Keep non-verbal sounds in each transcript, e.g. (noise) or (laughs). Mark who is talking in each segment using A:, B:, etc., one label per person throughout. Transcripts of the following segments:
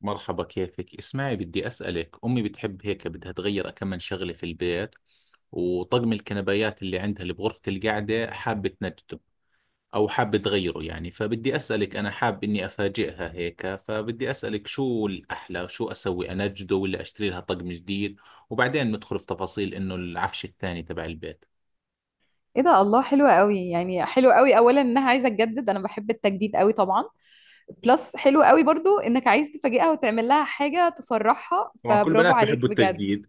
A: مرحبا، كيفك؟ اسمعي، بدي أسألك، أمي بتحب هيك بدها تغير كم من شغلة في البيت، وطقم الكنبايات اللي عندها اللي بغرفة القعدة حابة تنجده أو حابة تغيره. يعني فبدي أسألك، أنا حاب إني أفاجئها هيك، فبدي أسألك شو الأحلى؟ شو أسوي، أنجده ولا أشتري لها طقم جديد؟ وبعدين ندخل في تفاصيل إنه العفش الثاني تبع البيت.
B: ايه ده الله، حلوة قوي يعني حلوة قوي. اولا انها عايزة تجدد، انا بحب التجديد قوي طبعا. بلس حلوة قوي برضو انك عايز تفاجئها وتعمل لها حاجة تفرحها،
A: طبعا كل
B: فبرافو
A: بنات
B: عليك
A: بحبوا
B: بجد.
A: التجديد.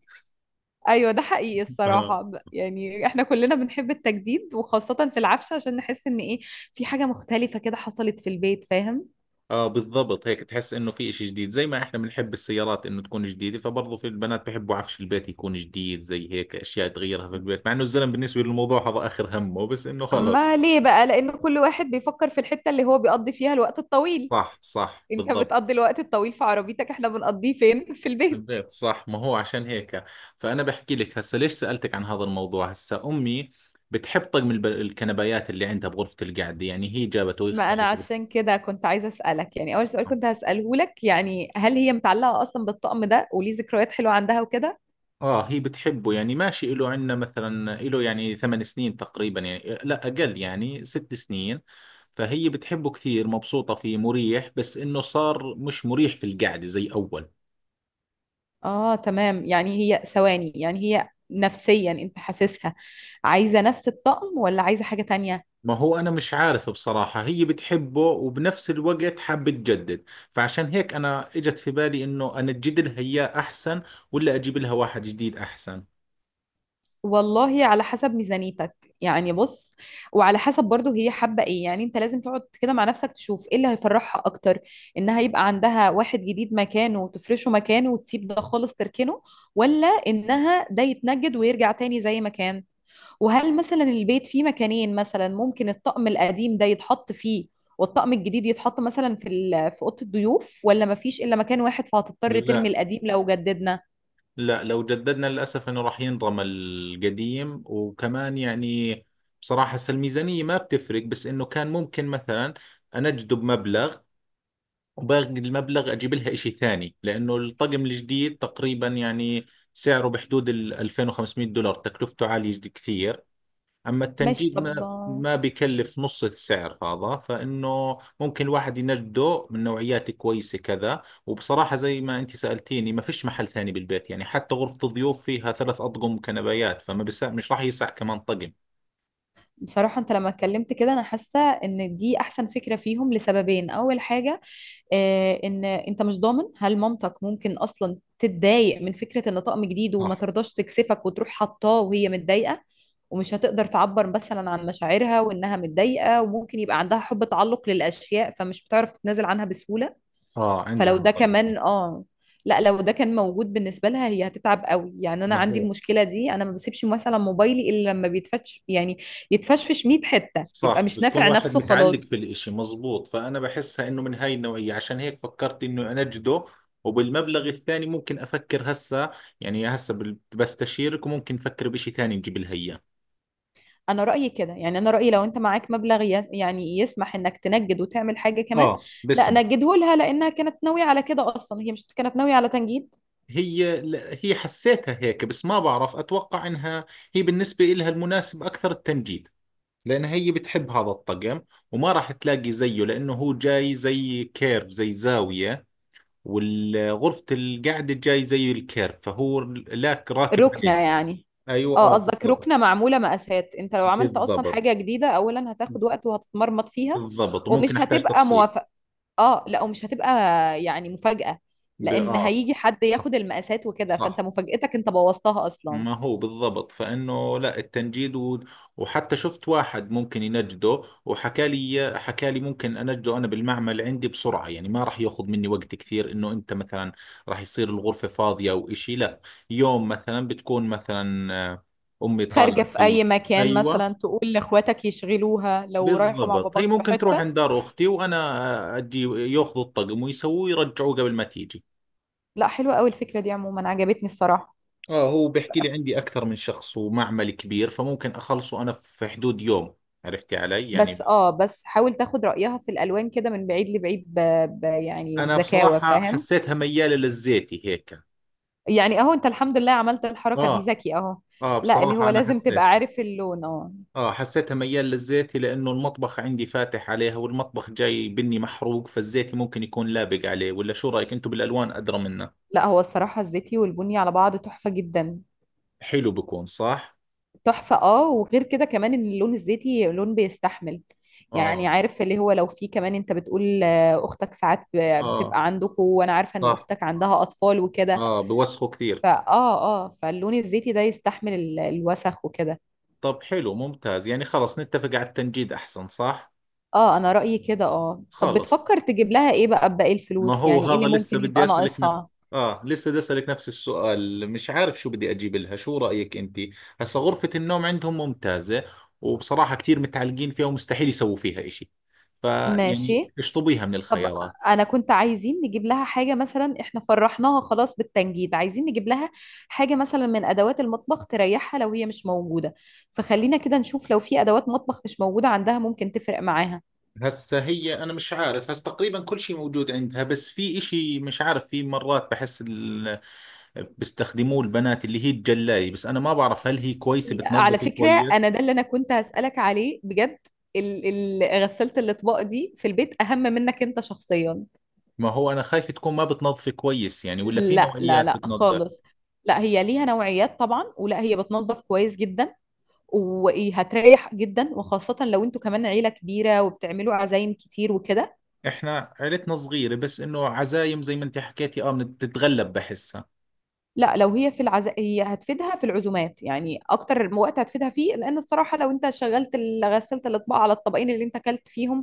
B: ايوه ده حقيقي الصراحة،
A: (laughs)
B: يعني احنا كلنا بنحب التجديد وخاصة في العفش، عشان نحس ان ايه، في حاجة مختلفة كده حصلت في البيت فاهم.
A: اه، بالضبط، هيك تحس انه في اشي جديد، زي ما احنا بنحب السيارات انه تكون جديدة، فبرضه في البنات بحبوا عفش البيت يكون جديد، زي هيك اشياء تغيرها في البيت. مع انه الزلم بالنسبة للموضوع هذا اخر همه، بس انه خلص.
B: ما ليه بقى؟ لان كل واحد بيفكر في الحتة اللي هو بيقضي فيها الوقت الطويل.
A: صح
B: انت
A: بالضبط.
B: بتقضي الوقت الطويل في عربيتك، احنا بنقضيه فين؟ (laughs) في البيت.
A: البيت، صح، ما هو عشان هيك. فانا بحكي لك هسه ليش سألتك عن هذا الموضوع. هسه امي بتحب طقم الكنبايات اللي عندها بغرفة القعدة، يعني هي جابته وهي
B: ما انا
A: اختارته.
B: عشان كده كنت عايزه اسالك، يعني اول سؤال كنت هساله لك، يعني هل هي متعلقه اصلا بالطقم ده وليه ذكريات حلوه عندها وكده؟
A: اه، هي بتحبه يعني، ماشي له عندنا مثلا له يعني 8 سنين تقريبا، يعني لا اقل يعني 6 سنين. فهي بتحبه كثير، مبسوطة فيه، مريح، بس انه صار مش مريح في القعدة زي اول.
B: اه تمام. يعني هي ثواني، يعني هي نفسيا انت حاسسها عايزه نفس الطقم ولا عايزه حاجه تانية؟
A: ما هو انا مش عارف بصراحة، هي بتحبه وبنفس الوقت حابة تجدد. فعشان هيك انا اجت في بالي انه انا اجدد لها اياه احسن ولا اجيب لها واحد جديد احسن.
B: والله على حسب ميزانيتك، يعني بص، وعلى حسب برضو هي حابة ايه. يعني انت لازم تقعد كده مع نفسك تشوف ايه اللي هيفرحها اكتر، انها يبقى عندها واحد جديد مكانه وتفرشه مكانه وتسيب ده خالص تركنه، ولا انها ده يتنجد ويرجع تاني زي ما كان. وهل مثلا البيت فيه مكانين مثلا ممكن الطقم القديم ده يتحط فيه، والطقم الجديد يتحط مثلا في اوضه الضيوف، ولا مفيش الا مكان واحد فهتضطر ترمي
A: لا
B: القديم لو جددنا؟
A: لا لو جددنا للأسف أنه راح ينرمى القديم. وكمان يعني، بصراحة هسه الميزانية ما بتفرق، بس أنه كان ممكن مثلا أنا أجذب مبلغ وباقي المبلغ أجيب لها إشي ثاني، لأنه الطقم الجديد تقريبا يعني سعره بحدود ال $2500، تكلفته عالية كثير. اما
B: ماشي
A: التنجيد
B: طب.
A: ما بكلف نص السعر هذا، فانه ممكن الواحد ينجده من نوعيات كويسه كذا. وبصراحه، زي ما انت سالتيني، ما فيش محل ثاني بالبيت، يعني حتى غرفه الضيوف فيها 3 اطقم كنبايات، فما بس مش راح يسع كمان طقم.
B: بصراحة أنت لما اتكلمت كده أنا حاسة إن دي أحسن فكرة فيهم لسببين. أول حاجة، إن أنت مش ضامن هل مامتك ممكن أصلا تتضايق من فكرة إن طقم جديد وما
A: صح.
B: ترضاش تكسفك وتروح حطاه وهي متضايقة. ومش هتقدر تعبر مثلا عن مشاعرها وإنها متضايقة، وممكن يبقى عندها حب تعلق للأشياء فمش بتعرف تتنازل عنها بسهولة.
A: اه، عندها
B: فلو
A: هذا
B: ده
A: الإشي.
B: كمان اه، لا لو ده كان موجود بالنسبة لها هي هتتعب قوي. يعني انا
A: ما
B: عندي
A: هو
B: المشكلة دي، انا ما بسيبش مثلا موبايلي الا لما بيتفتش، يعني يتفشفش 100 حتة يبقى
A: صح،
B: مش
A: بتكون
B: نافع
A: واحد
B: نفسه
A: متعلق
B: خلاص.
A: في الاشي، مزبوط. فأنا بحسها إنه من هاي النوعية، عشان هيك فكرت إنه أنجده. وبالمبلغ الثاني ممكن أفكر هسا، يعني هسا بستشيرك وممكن أفكر بإشي ثاني نجيب لها إياه.
B: انا رأيي كده يعني، انا رأيي لو انت معاك مبلغ يعني يسمح انك تنجد وتعمل حاجة كمان.
A: اه،
B: لا
A: باسمي.
B: نجده لها لانها كانت ناوية على كده اصلا، هي مش كانت ناوية على تنجيد.
A: هي حسيتها هيك، بس ما بعرف أتوقع إنها، هي بالنسبة إلها المناسب أكثر التنجيد، لأنها هي بتحب هذا الطقم وما راح تلاقي زيه، لأنه هو جاي زي كيرف، زي زاوية، والغرفة القعدة الجاي زي الكيرف، فهو لاك راكب
B: ركنة
A: عليها.
B: يعني.
A: ايوه،
B: اه
A: اه،
B: قصدك
A: بالضبط.
B: ركنة معمولة مقاسات. انت لو عملت اصلا
A: بالضبط
B: حاجة جديدة، اولا هتاخد وقت وهتتمرمط فيها،
A: بالضبط وممكن
B: ومش
A: احتاج
B: هتبقى
A: تفصيل.
B: موافق. اه لا، ومش هتبقى يعني مفاجأة.
A: ب...
B: لان
A: اه
B: هيجي حد ياخد المقاسات وكده، فانت
A: صح،
B: مفاجأتك انت بوظتها اصلا.
A: ما هو بالضبط. فانه لا، التنجيد وحتى شفت واحد ممكن ينجده، وحكى لي، حكى لي ممكن انجده انا بالمعمل عندي بسرعة، يعني ما راح ياخذ مني وقت كثير. انه انت مثلا راح يصير الغرفة فاضية او اشي؟ لا، يوم مثلا بتكون مثلا امي
B: خارجة
A: طالعة
B: في
A: فيه.
B: اي مكان مثلا،
A: ايوه،
B: تقول لاخواتك يشغلوها لو رايحة مع
A: بالضبط،
B: باباك
A: هي
B: في
A: ممكن تروح
B: حتة.
A: عند دار اختي وانا اجي ياخذوا الطقم ويسووه يرجعوه قبل ما تيجي.
B: لا حلوة قوي الفكرة دي، عموما عجبتني الصراحة.
A: اه، هو
B: ف-
A: بيحكي لي عندي اكثر من شخص ومعمل كبير، فممكن اخلصه انا في حدود يوم. عرفتي علي يعني.
B: بس اه، بس حاول تاخد رأيها في الالوان كده من بعيد لبعيد، يعني
A: انا
B: بذكاوة
A: بصراحة
B: فاهم.
A: حسيتها ميالة للزيتي هيك.
B: يعني اهو انت الحمد لله عملت الحركة دي،
A: اه.
B: ذكي اهو.
A: اه،
B: لا اللي
A: بصراحة
B: هو
A: انا
B: لازم تبقى
A: حسيتها.
B: عارف اللون اه.
A: اه، حسيتها ميال للزيتي، لانه المطبخ عندي فاتح عليها والمطبخ جاي بني محروق، فالزيتي ممكن يكون لابق عليه. ولا شو رايك، انتم بالالوان ادرى منا.
B: لا هو الصراحة الزيتي والبني على بعض تحفة جدا.
A: حلو، بكون صح.
B: تحفة اه، وغير كده كمان ان اللون الزيتي لون بيستحمل. يعني
A: اه.
B: عارف اللي هو لو في كمان، انت بتقول اختك ساعات
A: اه،
B: بتبقى عندكم، وانا عارفة ان
A: صح.
B: اختك عندها اطفال وكده.
A: اه، بوسخوا كثير.
B: فاه اه. فاللون الزيتي ده يستحمل الوسخ وكده.
A: طب حلو، ممتاز، يعني خلص نتفق على التنجيد احسن، صح؟
B: اه انا رأيي كده اه. طب
A: خلص.
B: بتفكر تجيب لها ايه بقى بباقي
A: ما
B: الفلوس؟
A: هو
B: يعني ايه
A: هذا
B: اللي
A: لسه
B: ممكن
A: بدي
B: يبقى
A: اسالك نفس
B: ناقصها؟
A: اه لسه بدي اسالك نفس السؤال، مش عارف شو بدي اجيب لها، شو رايك انت؟ هسا غرفه النوم عندهم ممتازه، وبصراحه كثير متعلقين فيها ومستحيل يسووا فيها إشي، فيعني
B: ماشي
A: اشطبيها من
B: طب.
A: الخيارات.
B: انا كنت عايزين نجيب لها حاجه مثلا، احنا فرحناها خلاص بالتنجيد، عايزين نجيب لها حاجه مثلا من ادوات المطبخ تريحها لو هي مش موجوده. فخلينا كده نشوف لو في ادوات مطبخ مش موجوده عندها ممكن تفرق معاها.
A: هسا هي، انا مش عارف، هسا تقريبا كل شيء موجود عندها. بس في إشي مش عارف، في مرات بحس بيستخدموه البنات، اللي هي الجلاية. بس أنا ما بعرف هل هي كويسة
B: على
A: بتنظف
B: فكره،
A: كويس.
B: انا ده اللي انا كنت هسالك عليه بجد. ال- غساله الاطباق دي في البيت اهم منك انت شخصيا.
A: ما هو أنا خايف تكون ما بتنظف كويس يعني، ولا في
B: لا لا
A: نوعيات
B: لا
A: بتنظف.
B: خالص. لا هي ليها نوعيات طبعا، ولا هي بتنظف كويس جدا. وايه، هتريح جدا وخاصة لو انتوا كمان عيلة كبيرة وبتعملوا عزايم كتير وكده.
A: إحنا عيلتنا صغيرة، بس إنه عزايم زي ما أنت حكيتي، آه، بتتغلب بحسها.
B: لا لو هي هتفيدها في العزومات. يعني اكتر وقت هتفيدها فيه، لان الصراحه لو انت شغلت غسلت الاطباق على الطبقين اللي انت اكلت فيهم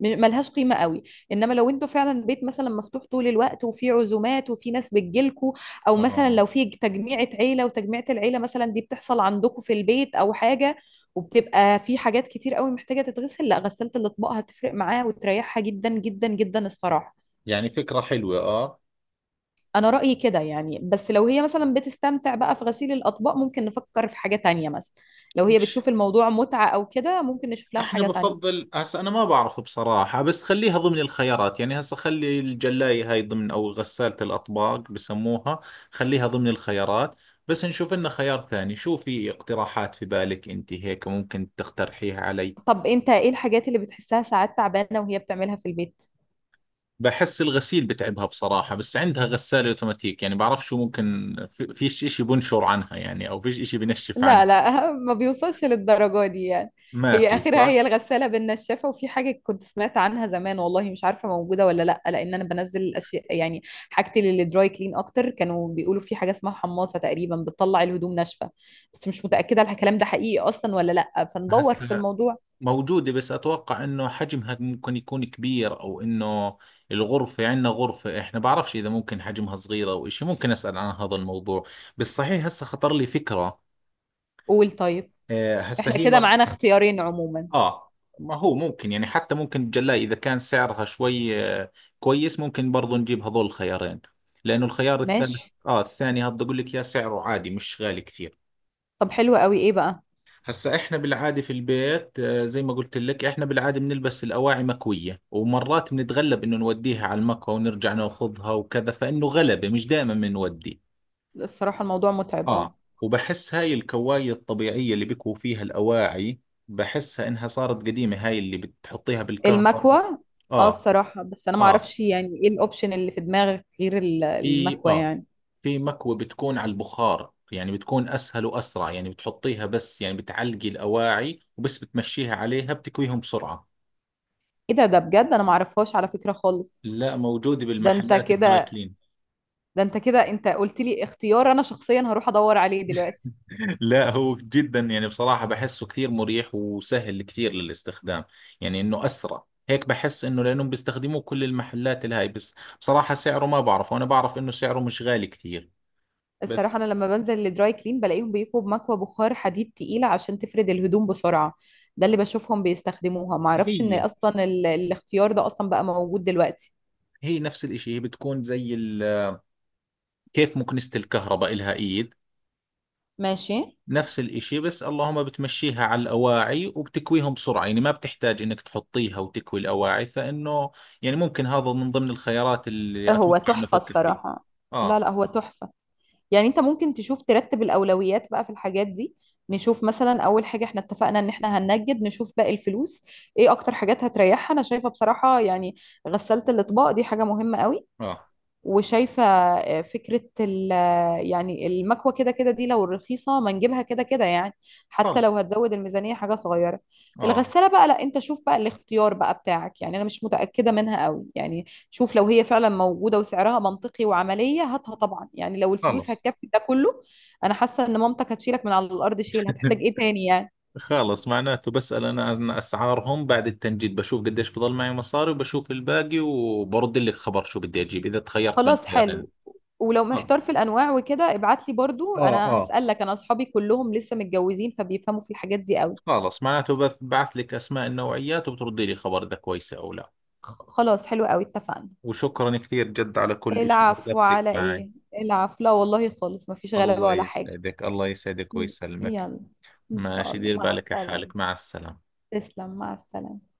B: ملهاش قيمه قوي. انما لو انتوا فعلا بيت مثلا مفتوح طول الوقت وفي عزومات وفي ناس بتجيلكوا، او مثلا
A: آه.
B: لو في تجميعه عيله وتجميعه العيله مثلا دي بتحصل عندكم في البيت او حاجه، وبتبقى في حاجات كتير قوي محتاجه تتغسل، لا غسلت الاطباق هتفرق معاها وتريحها جدا جدا جدا الصراحه.
A: يعني فكرة حلوة، آه.
B: انا رأيي كده يعني، بس لو هي مثلا بتستمتع بقى في غسيل الاطباق ممكن نفكر في حاجة تانية مثلا، لو هي بتشوف الموضوع متعة او كده ممكن نشوف لها
A: احنا
B: حاجة تانية.
A: بفضل هسه انا ما بعرف بصراحة، بس خليها ضمن الخيارات. يعني هسه خلي الجلاية هاي ضمن، او غسالة الاطباق بسموها، خليها ضمن الخيارات. بس نشوف لنا خيار ثاني، شو في اقتراحات في بالك انت هيك ممكن تقترحيها علي؟
B: طب انت ايه الحاجات اللي بتحسها ساعات تعبانة وهي بتعملها في البيت؟
A: بحس الغسيل بتعبها بصراحة، بس عندها غسالة اوتوماتيك، يعني بعرف شو ممكن، فيش اشي بنشر عنها يعني، او فيش اشي بنشف
B: لا
A: عنها.
B: لا، ما بيوصلش للدرجة دي يعني.
A: ما
B: هي
A: في،
B: آخرها هي
A: صح.
B: الغسالة بالنشافة، وفي حاجة كنت سمعت عنها زمان، والله مش عارفة موجودة ولا لأ، لأن أنا بنزل الأشياء يعني، حاجتي للدراي كلين أكتر. كانوا بيقولوا في حاجة اسمها حماصة تقريبا بتطلع الهدوم ناشفة، بس مش متأكدة الكلام ده حقيقي أصلا ولا لأ، فندور في
A: هسه
B: الموضوع.
A: موجودة، بس أتوقع إنه حجمها ممكن يكون كبير، أو إنه الغرفة عندنا غرفة إحنا بعرفش إذا ممكن حجمها صغيرة أو إشي. ممكن أسأل عن هذا الموضوع. بس صحيح هسه خطر لي فكرة.
B: قول طيب.
A: آه، هسه
B: إحنا
A: هي
B: كده
A: مر
B: معانا اختيارين عموما.
A: آه ما هو ممكن، يعني حتى ممكن الجلاية، إذا كان سعرها شوي كويس، ممكن برضو نجيب هذول الخيارين. لأنه الخيار الثالث،
B: ماشي
A: آه، الثاني هذا أقول لك يا سعره عادي، مش غالي كثير.
B: طب، حلو قوي. إيه بقى؟
A: هسا احنا بالعادة في البيت، زي ما قلت لك احنا بالعادة بنلبس الأواعي مكوية. ومرات بنتغلب انه نوديها على المكوى ونرجع ناخذها وكذا، فإنه غلبة مش دائما بنودي.
B: الصراحة الموضوع متعب اه.
A: اه، وبحس هاي الكواية الطبيعية اللي بكوا فيها الأواعي، بحسها انها صارت قديمة، هاي اللي بتحطيها بالكهرباء.
B: المكوى اه.
A: اه.
B: الصراحة بس انا
A: اه
B: معرفش يعني ايه الاوبشن اللي في دماغك غير
A: في
B: المكوى
A: اه
B: يعني.
A: في مكوى بتكون على البخار، يعني بتكون أسهل وأسرع، يعني بتحطيها بس، يعني بتعلقي الأواعي وبس بتمشيها عليها بتكويهم بسرعة.
B: ايه ده، ده بجد انا معرفهاش على فكرة خالص.
A: لا، موجود
B: ده انت
A: بالمحلات الدراي
B: كده،
A: كلين.
B: انت قلت لي اختيار، انا شخصيا هروح ادور عليه دلوقتي.
A: (laughs) لا، هو جدا يعني، بصراحة بحسه كثير مريح وسهل كثير للاستخدام. يعني انه اسرع هيك، بحس انه لانهم بيستخدموه كل المحلات الهاي. بس بصراحة سعره ما بعرفه، انا بعرف انه سعره مش غالي كثير.
B: الصراحة
A: بس
B: انا لما بنزل للدراي كلين بلاقيهم بيكوا بمكوى بخار حديد تقيلة عشان تفرد الهدوم بسرعة. ده اللي بشوفهم بيستخدموها، معرفش ان
A: هي
B: اصلا الاختيار ده اصلا بقى موجود دلوقتي.
A: هي نفس الاشي، هي بتكون زي كيف مكنسة الكهرباء إلها ايد،
B: ماشي.
A: نفس الإشي. بس اللهم بتمشيها على الأواعي وبتكويهم بسرعة، يعني ما بتحتاج إنك تحطيها وتكوي الأواعي فإنه، يعني ممكن هذا من ضمن الخيارات اللي
B: هو
A: أتوقع إنه
B: تحفة
A: أفكر فيه.
B: الصراحة. لا
A: آه.
B: لا هو تحفة. يعني انت ممكن تشوف ترتب الاولويات بقى في الحاجات دي. نشوف مثلا اول حاجه احنا اتفقنا ان احنا هننجد، نشوف باقي الفلوس، ايه اكتر حاجات هتريحها؟ انا شايفه بصراحه يعني غسالة الاطباق دي حاجه مهمه قوي.
A: آه.
B: وشايفة فكرة ال. يعني المكوة كده كده دي لو رخيصة ما نجيبها كده كده يعني، حتى
A: خلص.
B: لو هتزود الميزانية حاجة صغيرة.
A: آه،
B: الغسالة بقى، لا انت شوف بقى الاختيار بقى بتاعك، يعني انا مش متأكدة منها قوي يعني. شوف لو هي فعلا موجودة وسعرها منطقي وعملية، هاتها طبعا يعني، لو الفلوس
A: خلص.
B: هتكفي ده كله. انا حاسة ان مامتك هتشيلك من على الارض شيل. هتحتاج ايه تاني يعني؟
A: (laughs) خلص، معناته بسأل أنا عن أسعارهم بعد التنجيد، بشوف قديش بضل معي مصاري وبشوف الباقي، وبرد لك خبر شو بدي أجيب إذا تخيرت بين
B: خلاص
A: خيارين.
B: حلو. ولو
A: خلص.
B: محتار في الانواع وكده، ابعت لي برضو،
A: اه
B: انا
A: اه
B: هسألك، انا اصحابي كلهم لسه متجوزين فبيفهموا في الحاجات دي قوي.
A: خلص، معناته بعث لك أسماء النوعيات وبتردي لي خبر إذا كويسة أو لا.
B: خلاص حلو قوي اتفقنا.
A: وشكرا كثير جد على كل شيء،
B: العفو
A: رغبتك
B: على
A: معي.
B: ايه؟ العفو، لا والله خالص مفيش غلبة
A: الله
B: ولا حاجة.
A: يسعدك، الله يسعدك
B: ي-
A: ويسلمك.
B: يلا ان شاء
A: ماشي،
B: الله
A: دير
B: مع
A: بالك على
B: السلامة.
A: حالك، مع السلامة.
B: تسلم مع السلامة.